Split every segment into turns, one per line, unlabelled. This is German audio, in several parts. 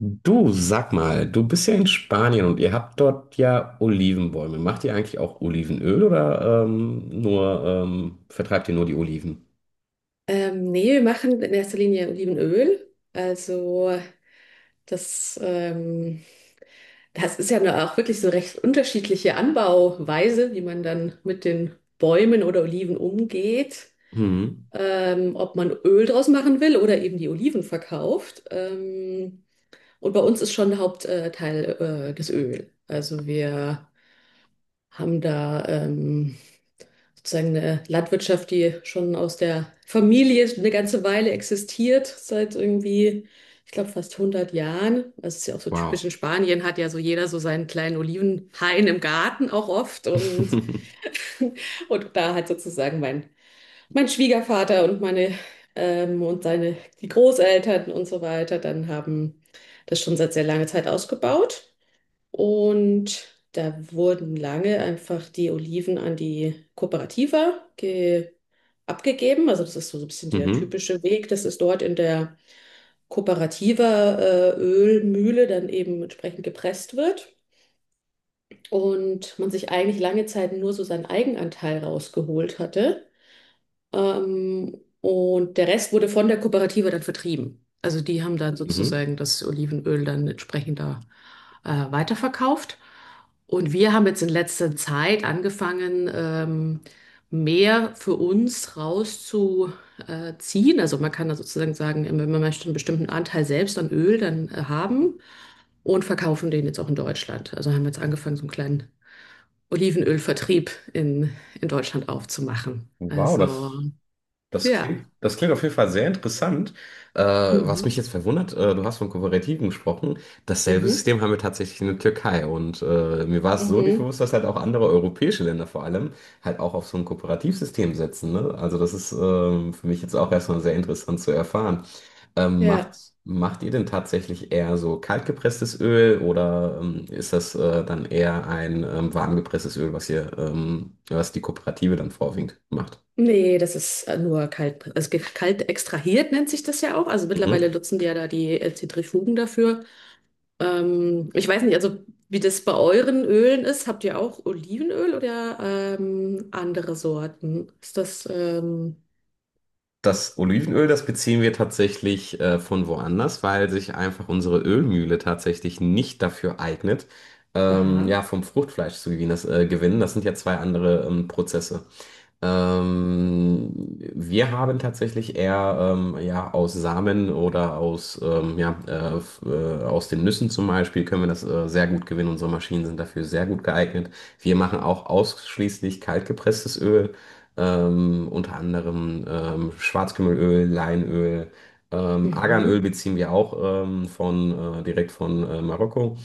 Du, sag mal, du bist ja in Spanien und ihr habt dort ja Olivenbäume. Macht ihr eigentlich auch Olivenöl oder nur vertreibt ihr nur die Oliven?
Nee, wir machen in erster Linie Olivenöl. Also das, ähm, das ist ja nur auch wirklich so recht unterschiedliche Anbauweise, wie man dann mit den Bäumen oder Oliven umgeht.
Mhm.
Ob man Öl draus machen will oder eben die Oliven verkauft. Und bei uns ist schon Hauptteil Teil, das Öl. Also wir haben da sozusagen eine Landwirtschaft, die schon aus der Familie eine ganze Weile existiert, seit ich glaube, fast 100 Jahren. Das ist ja auch so typisch
Wow.
in Spanien, hat ja so jeder so seinen kleinen Olivenhain im Garten auch oft. Und da hat sozusagen mein Schwiegervater und die Großeltern und so weiter dann haben das schon seit sehr langer Zeit ausgebaut. Und da wurden lange einfach die Oliven an die Kooperativa ge abgegeben. Also das ist so so ein bisschen der
Mhm.
typische Weg. Das ist dort in der Kooperativa Ölmühle dann eben entsprechend gepresst wird. Und man sich eigentlich lange Zeit nur so seinen Eigenanteil rausgeholt hatte. Und der Rest wurde von der Kooperative dann vertrieben. Also die haben dann
Mhm.
sozusagen das Olivenöl dann entsprechend da weiterverkauft. Und wir haben jetzt in letzter Zeit angefangen, mehr für uns rauszuziehen. Also man kann da sozusagen sagen, wenn man möchte, einen bestimmten Anteil selbst an Öl dann haben und verkaufen den jetzt auch in Deutschland. Also haben wir jetzt angefangen, so einen kleinen Olivenölvertrieb in, in Deutschland aufzumachen.
Wow,
Also
das.
ja.
Das klingt auf jeden Fall sehr interessant. Was
Mhm.
mich jetzt verwundert, du hast von Kooperativen gesprochen. Dasselbe
Mhm.
System haben wir tatsächlich in der Türkei. Und mir war es so nicht
Mhm.
bewusst, dass halt auch andere europäische Länder vor allem halt auch auf so ein Kooperativsystem setzen, ne? Also das ist für mich jetzt auch erstmal sehr interessant zu erfahren. Ähm, macht,
Ja,
macht ihr denn tatsächlich eher so kaltgepresstes Öl oder ist das dann eher ein warmgepresstes Öl, was was die Kooperative dann vorwiegend macht?
nee, das ist nur kalt, kalt extrahiert nennt sich das ja auch. Also mittlerweile
Mhm.
nutzen die ja da die Zentrifugen dafür. Ich weiß nicht, also wie das bei euren Ölen ist. Habt ihr auch Olivenöl oder andere Sorten? Ist das?
Das Olivenöl, das beziehen wir tatsächlich von woanders, weil sich einfach unsere Ölmühle tatsächlich nicht dafür eignet,
Aha.
ja, vom Fruchtfleisch zu gewinnen. Gewinnen. Das sind ja zwei andere Prozesse. Ähm, wir haben tatsächlich eher ja, aus Samen oder aus den Nüssen zum Beispiel können wir das sehr gut gewinnen. Unsere Maschinen sind dafür sehr gut geeignet. Wir machen auch ausschließlich kaltgepresstes Öl, unter anderem Schwarzkümmelöl, Leinöl. Arganöl
Mhm.
beziehen wir auch direkt von Marokko.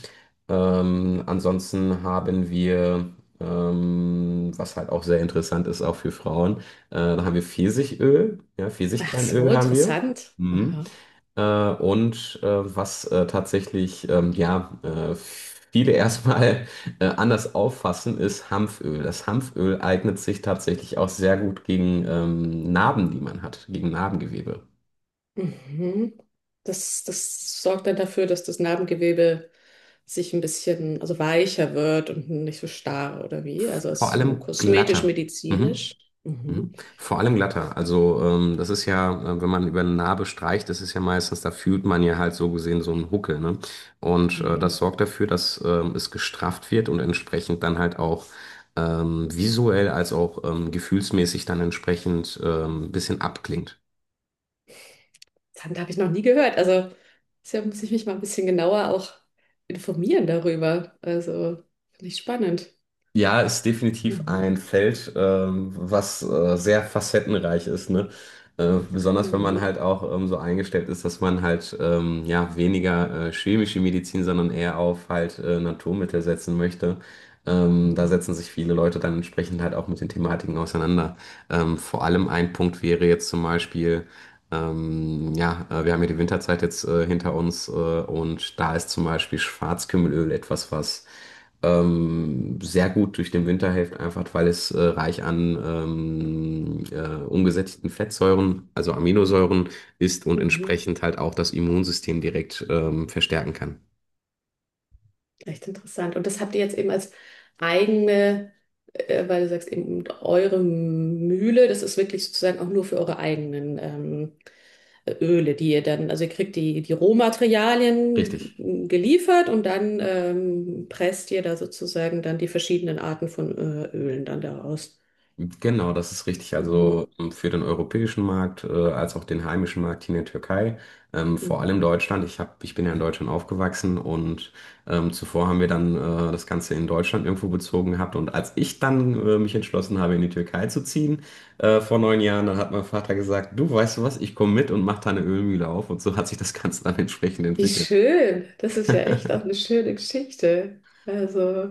Ansonsten haben wir was halt auch sehr interessant ist, auch für Frauen. Dann haben wir Pfirsichöl, ja,
Ach so,
Pfirsichkernöl haben wir.
interessant.
Mhm.
Aha.
Äh, und was tatsächlich, viele erstmal anders auffassen, ist Hanföl. Das Hanföl eignet sich tatsächlich auch sehr gut gegen Narben, die man hat, gegen Narbengewebe.
Mhm. Das, das sorgt dann dafür, dass das Narbengewebe sich ein bisschen, also weicher wird und nicht so starr oder wie. Also es
Vor
ist so
allem
kosmetisch,
glatter. Mhm.
medizinisch. Mhm.
Mhm. Vor allem glatter. Also wenn man über eine Narbe streicht, das ist ja meistens, da fühlt man ja halt so gesehen so einen Huckel, ne? Und das
Mhm.
sorgt dafür, dass es gestrafft wird und entsprechend dann halt auch visuell als auch gefühlsmäßig dann entsprechend ein bisschen abklingt.
Dann habe ich noch nie gehört. Also deshalb muss ich mich mal ein bisschen genauer auch informieren darüber. Also finde ich spannend.
Ja, ist definitiv ein
Mhm.
Feld, was sehr facettenreich ist, ne? Besonders wenn man halt
Mhm.
auch so eingestellt ist, dass man halt ja weniger chemische Medizin, sondern eher auf halt Naturmittel setzen möchte. Da
Mhm.
setzen sich viele Leute dann entsprechend halt auch mit den Thematiken auseinander. Vor allem ein Punkt wäre jetzt zum Beispiel, ja, wir haben ja die Winterzeit jetzt hinter uns und da ist zum Beispiel Schwarzkümmelöl etwas, was sehr gut durch den Winter hilft, einfach weil es reich an umgesättigten Fettsäuren, also Aminosäuren ist und
Mhm.
entsprechend halt auch das Immunsystem direkt verstärken kann.
Echt interessant. Und das habt ihr jetzt eben als eigene, weil du sagst eben eure Mühle, das ist wirklich sozusagen auch nur für eure eigenen Öle, die ihr dann, also ihr kriegt die
Richtig.
Rohmaterialien geliefert und dann presst ihr da sozusagen dann die verschiedenen Arten von Ölen dann daraus.
Genau, das ist richtig.
Mhm.
Also für den europäischen Markt, als auch den heimischen Markt hier in der Türkei, vor allem
Mhm.
Deutschland. Ich bin ja in Deutschland aufgewachsen und zuvor haben wir dann das Ganze in Deutschland irgendwo bezogen gehabt. Und als ich dann mich entschlossen habe, in die Türkei zu ziehen, vor neun Jahren, dann hat mein Vater gesagt, du weißt du was, ich komme mit und mach da eine Ölmühle auf. Und so hat sich das Ganze dann entsprechend
Wie
entwickelt.
schön. Das ist ja echt auch eine schöne Geschichte. Also,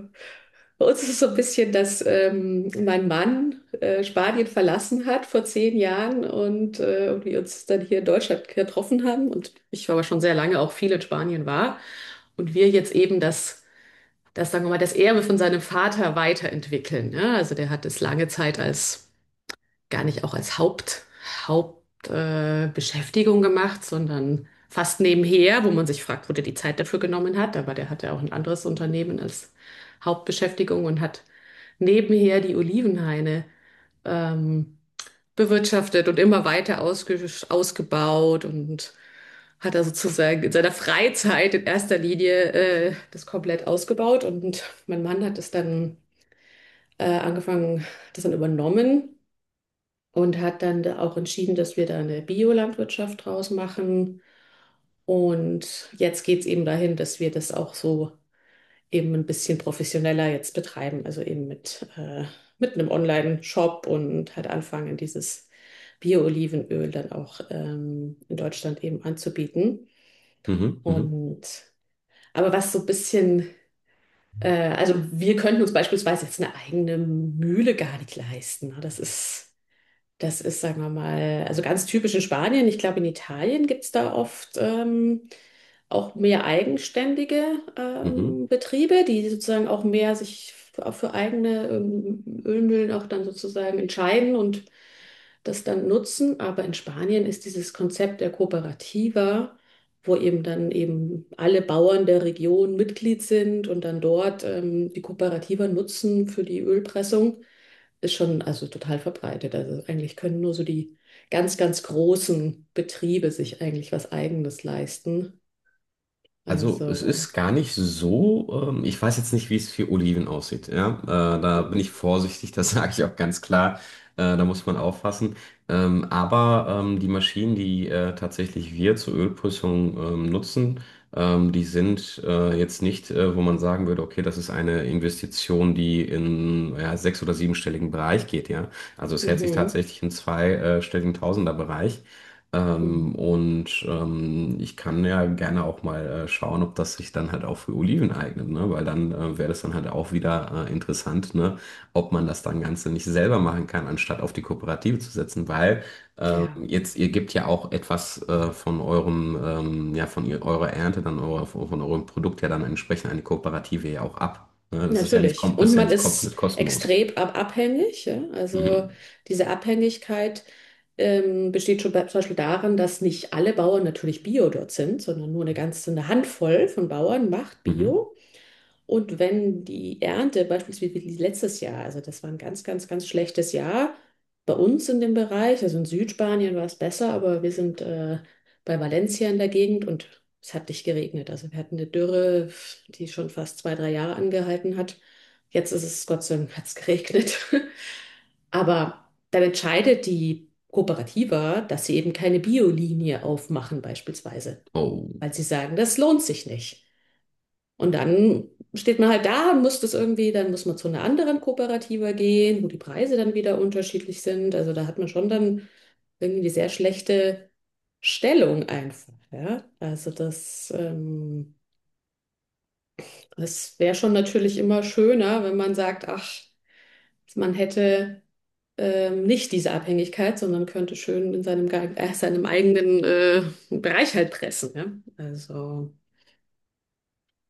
bei uns ist es so ein bisschen, dass mein Mann Spanien verlassen hat vor zehn Jahren und wir uns dann hier in Deutschland getroffen haben und ich aber schon sehr lange auch viel in Spanien war und wir jetzt eben das, sagen wir mal, das Erbe von seinem Vater weiterentwickeln. Ne? Also der hat es lange Zeit, gar nicht auch als Haupt, Hauptbeschäftigung Beschäftigung gemacht, sondern fast nebenher, wo man sich fragt, wo der die Zeit dafür genommen hat. Aber der hatte auch ein anderes Unternehmen als Hauptbeschäftigung und hat nebenher die Olivenhaine ähm, bewirtschaftet und immer weiter ausgebaut und hat er sozusagen in seiner Freizeit in erster Linie das komplett ausgebaut und mein Mann hat es dann angefangen, das dann übernommen und hat dann da auch entschieden, dass wir da eine Biolandwirtschaft draus machen und jetzt geht es eben dahin, dass wir das auch so eben ein bisschen professioneller jetzt betreiben, also eben mit einem Online-Shop und halt anfangen, dieses Bio-Olivenöl dann auch in Deutschland eben anzubieten.
Mhm, mhm,
Und aber was so ein bisschen, äh, also wir könnten uns beispielsweise jetzt eine eigene Mühle gar nicht leisten. Ne? Das ist, sagen wir mal, also ganz typisch in Spanien. Ich glaube, in Italien gibt es da oft auch mehr eigenständige
mhm.
Betriebe, die sozusagen auch mehr sich für eigene Ölmühlen auch dann sozusagen entscheiden und das dann nutzen. Aber in Spanien ist dieses Konzept der Kooperativa, wo eben dann eben alle Bauern der Region Mitglied sind und dann dort die Kooperativa nutzen für die Ölpressung, ist schon also total verbreitet. Also eigentlich können nur so die ganz, ganz großen Betriebe sich eigentlich was Eigenes leisten.
Also es
Also,
ist gar nicht so, ich weiß jetzt nicht, wie es für Oliven aussieht. Ja? Da bin ich vorsichtig, das sage ich auch ganz klar. Da muss man aufpassen. Aber die Maschinen, die tatsächlich wir zur Ölprüfung nutzen, die sind jetzt nicht, wo man sagen würde, okay, das ist eine Investition, die in ja, sechs- oder siebenstelligen Bereich geht. Ja? Also es hält sich
mhm,
tatsächlich im zweistelligen Tausenderbereich. Ähm,
mhm,
und ähm, ich kann ja gerne auch mal schauen, ob das sich dann halt auch für Oliven eignet, ne? Weil dann wäre das dann halt auch wieder interessant, ne? Ob man das dann Ganze nicht selber machen kann, anstatt auf die Kooperative zu setzen, weil
ja,
jetzt ihr gebt ja auch etwas von eurem, ja, von ihr, eurer Ernte, dann von eurem Produkt ja dann entsprechend an die Kooperative ja auch ab, ne? Das ist ja nicht,
natürlich.
das ist
Und
ja
man
nicht komplett
ist
kostenlos.
extrem ab abhängig. Ja? Also
Mhm.
diese Abhängigkeit besteht schon zum Beispiel darin, dass nicht alle Bauern natürlich Bio dort sind, sondern nur eine Handvoll von Bauern macht
Mhm.
Bio. Und wenn die Ernte beispielsweise wie letztes Jahr, also das war ein ganz, ganz, ganz schlechtes Jahr bei uns in dem Bereich, also in Südspanien war es besser, aber wir sind bei Valencia in der Gegend und es hat nicht geregnet. Also wir hatten eine Dürre, die schon fast zwei, drei Jahre angehalten hat. Jetzt ist es, Gott sei Dank, hat es geregnet. Aber dann entscheidet die Kooperativa, dass sie eben keine Biolinie aufmachen beispielsweise,
Oh.
weil sie sagen, das lohnt sich nicht. Und dann steht man halt da und muss das irgendwie, dann muss man zu einer anderen Kooperative gehen, wo die Preise dann wieder unterschiedlich sind. Also da hat man schon dann irgendwie eine sehr schlechte Stellung einfach, ja. Also das wäre schon natürlich immer schöner, wenn man sagt, ach, man hätte nicht diese Abhängigkeit, sondern könnte schön in seinem eigenen Bereich halt pressen, ja. Also,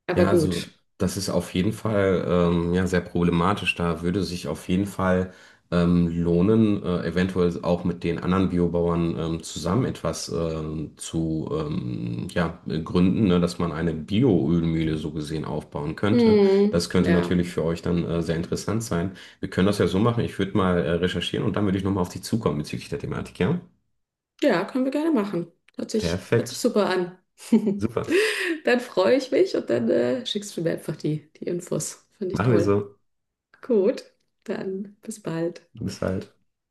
aber
Ja,
gut.
also das ist auf jeden Fall sehr problematisch. Da würde sich auf jeden Fall lohnen, eventuell auch mit den anderen Biobauern zusammen etwas zu gründen, ne, dass man eine Bioölmühle so gesehen aufbauen könnte.
Hm,
Das könnte
ja.
natürlich für euch dann sehr interessant sein. Wir können das ja so machen. Ich würde mal recherchieren und dann würde ich nochmal auf dich zukommen bezüglich der Thematik, ja?
Ja, können wir gerne machen. Hört sich
Perfekt.
super an.
Super.
Dann freue ich mich und dann schickst du mir einfach die Infos. Finde ich
Machen wir
toll.
so.
Gut, dann bis bald.
Bis halt.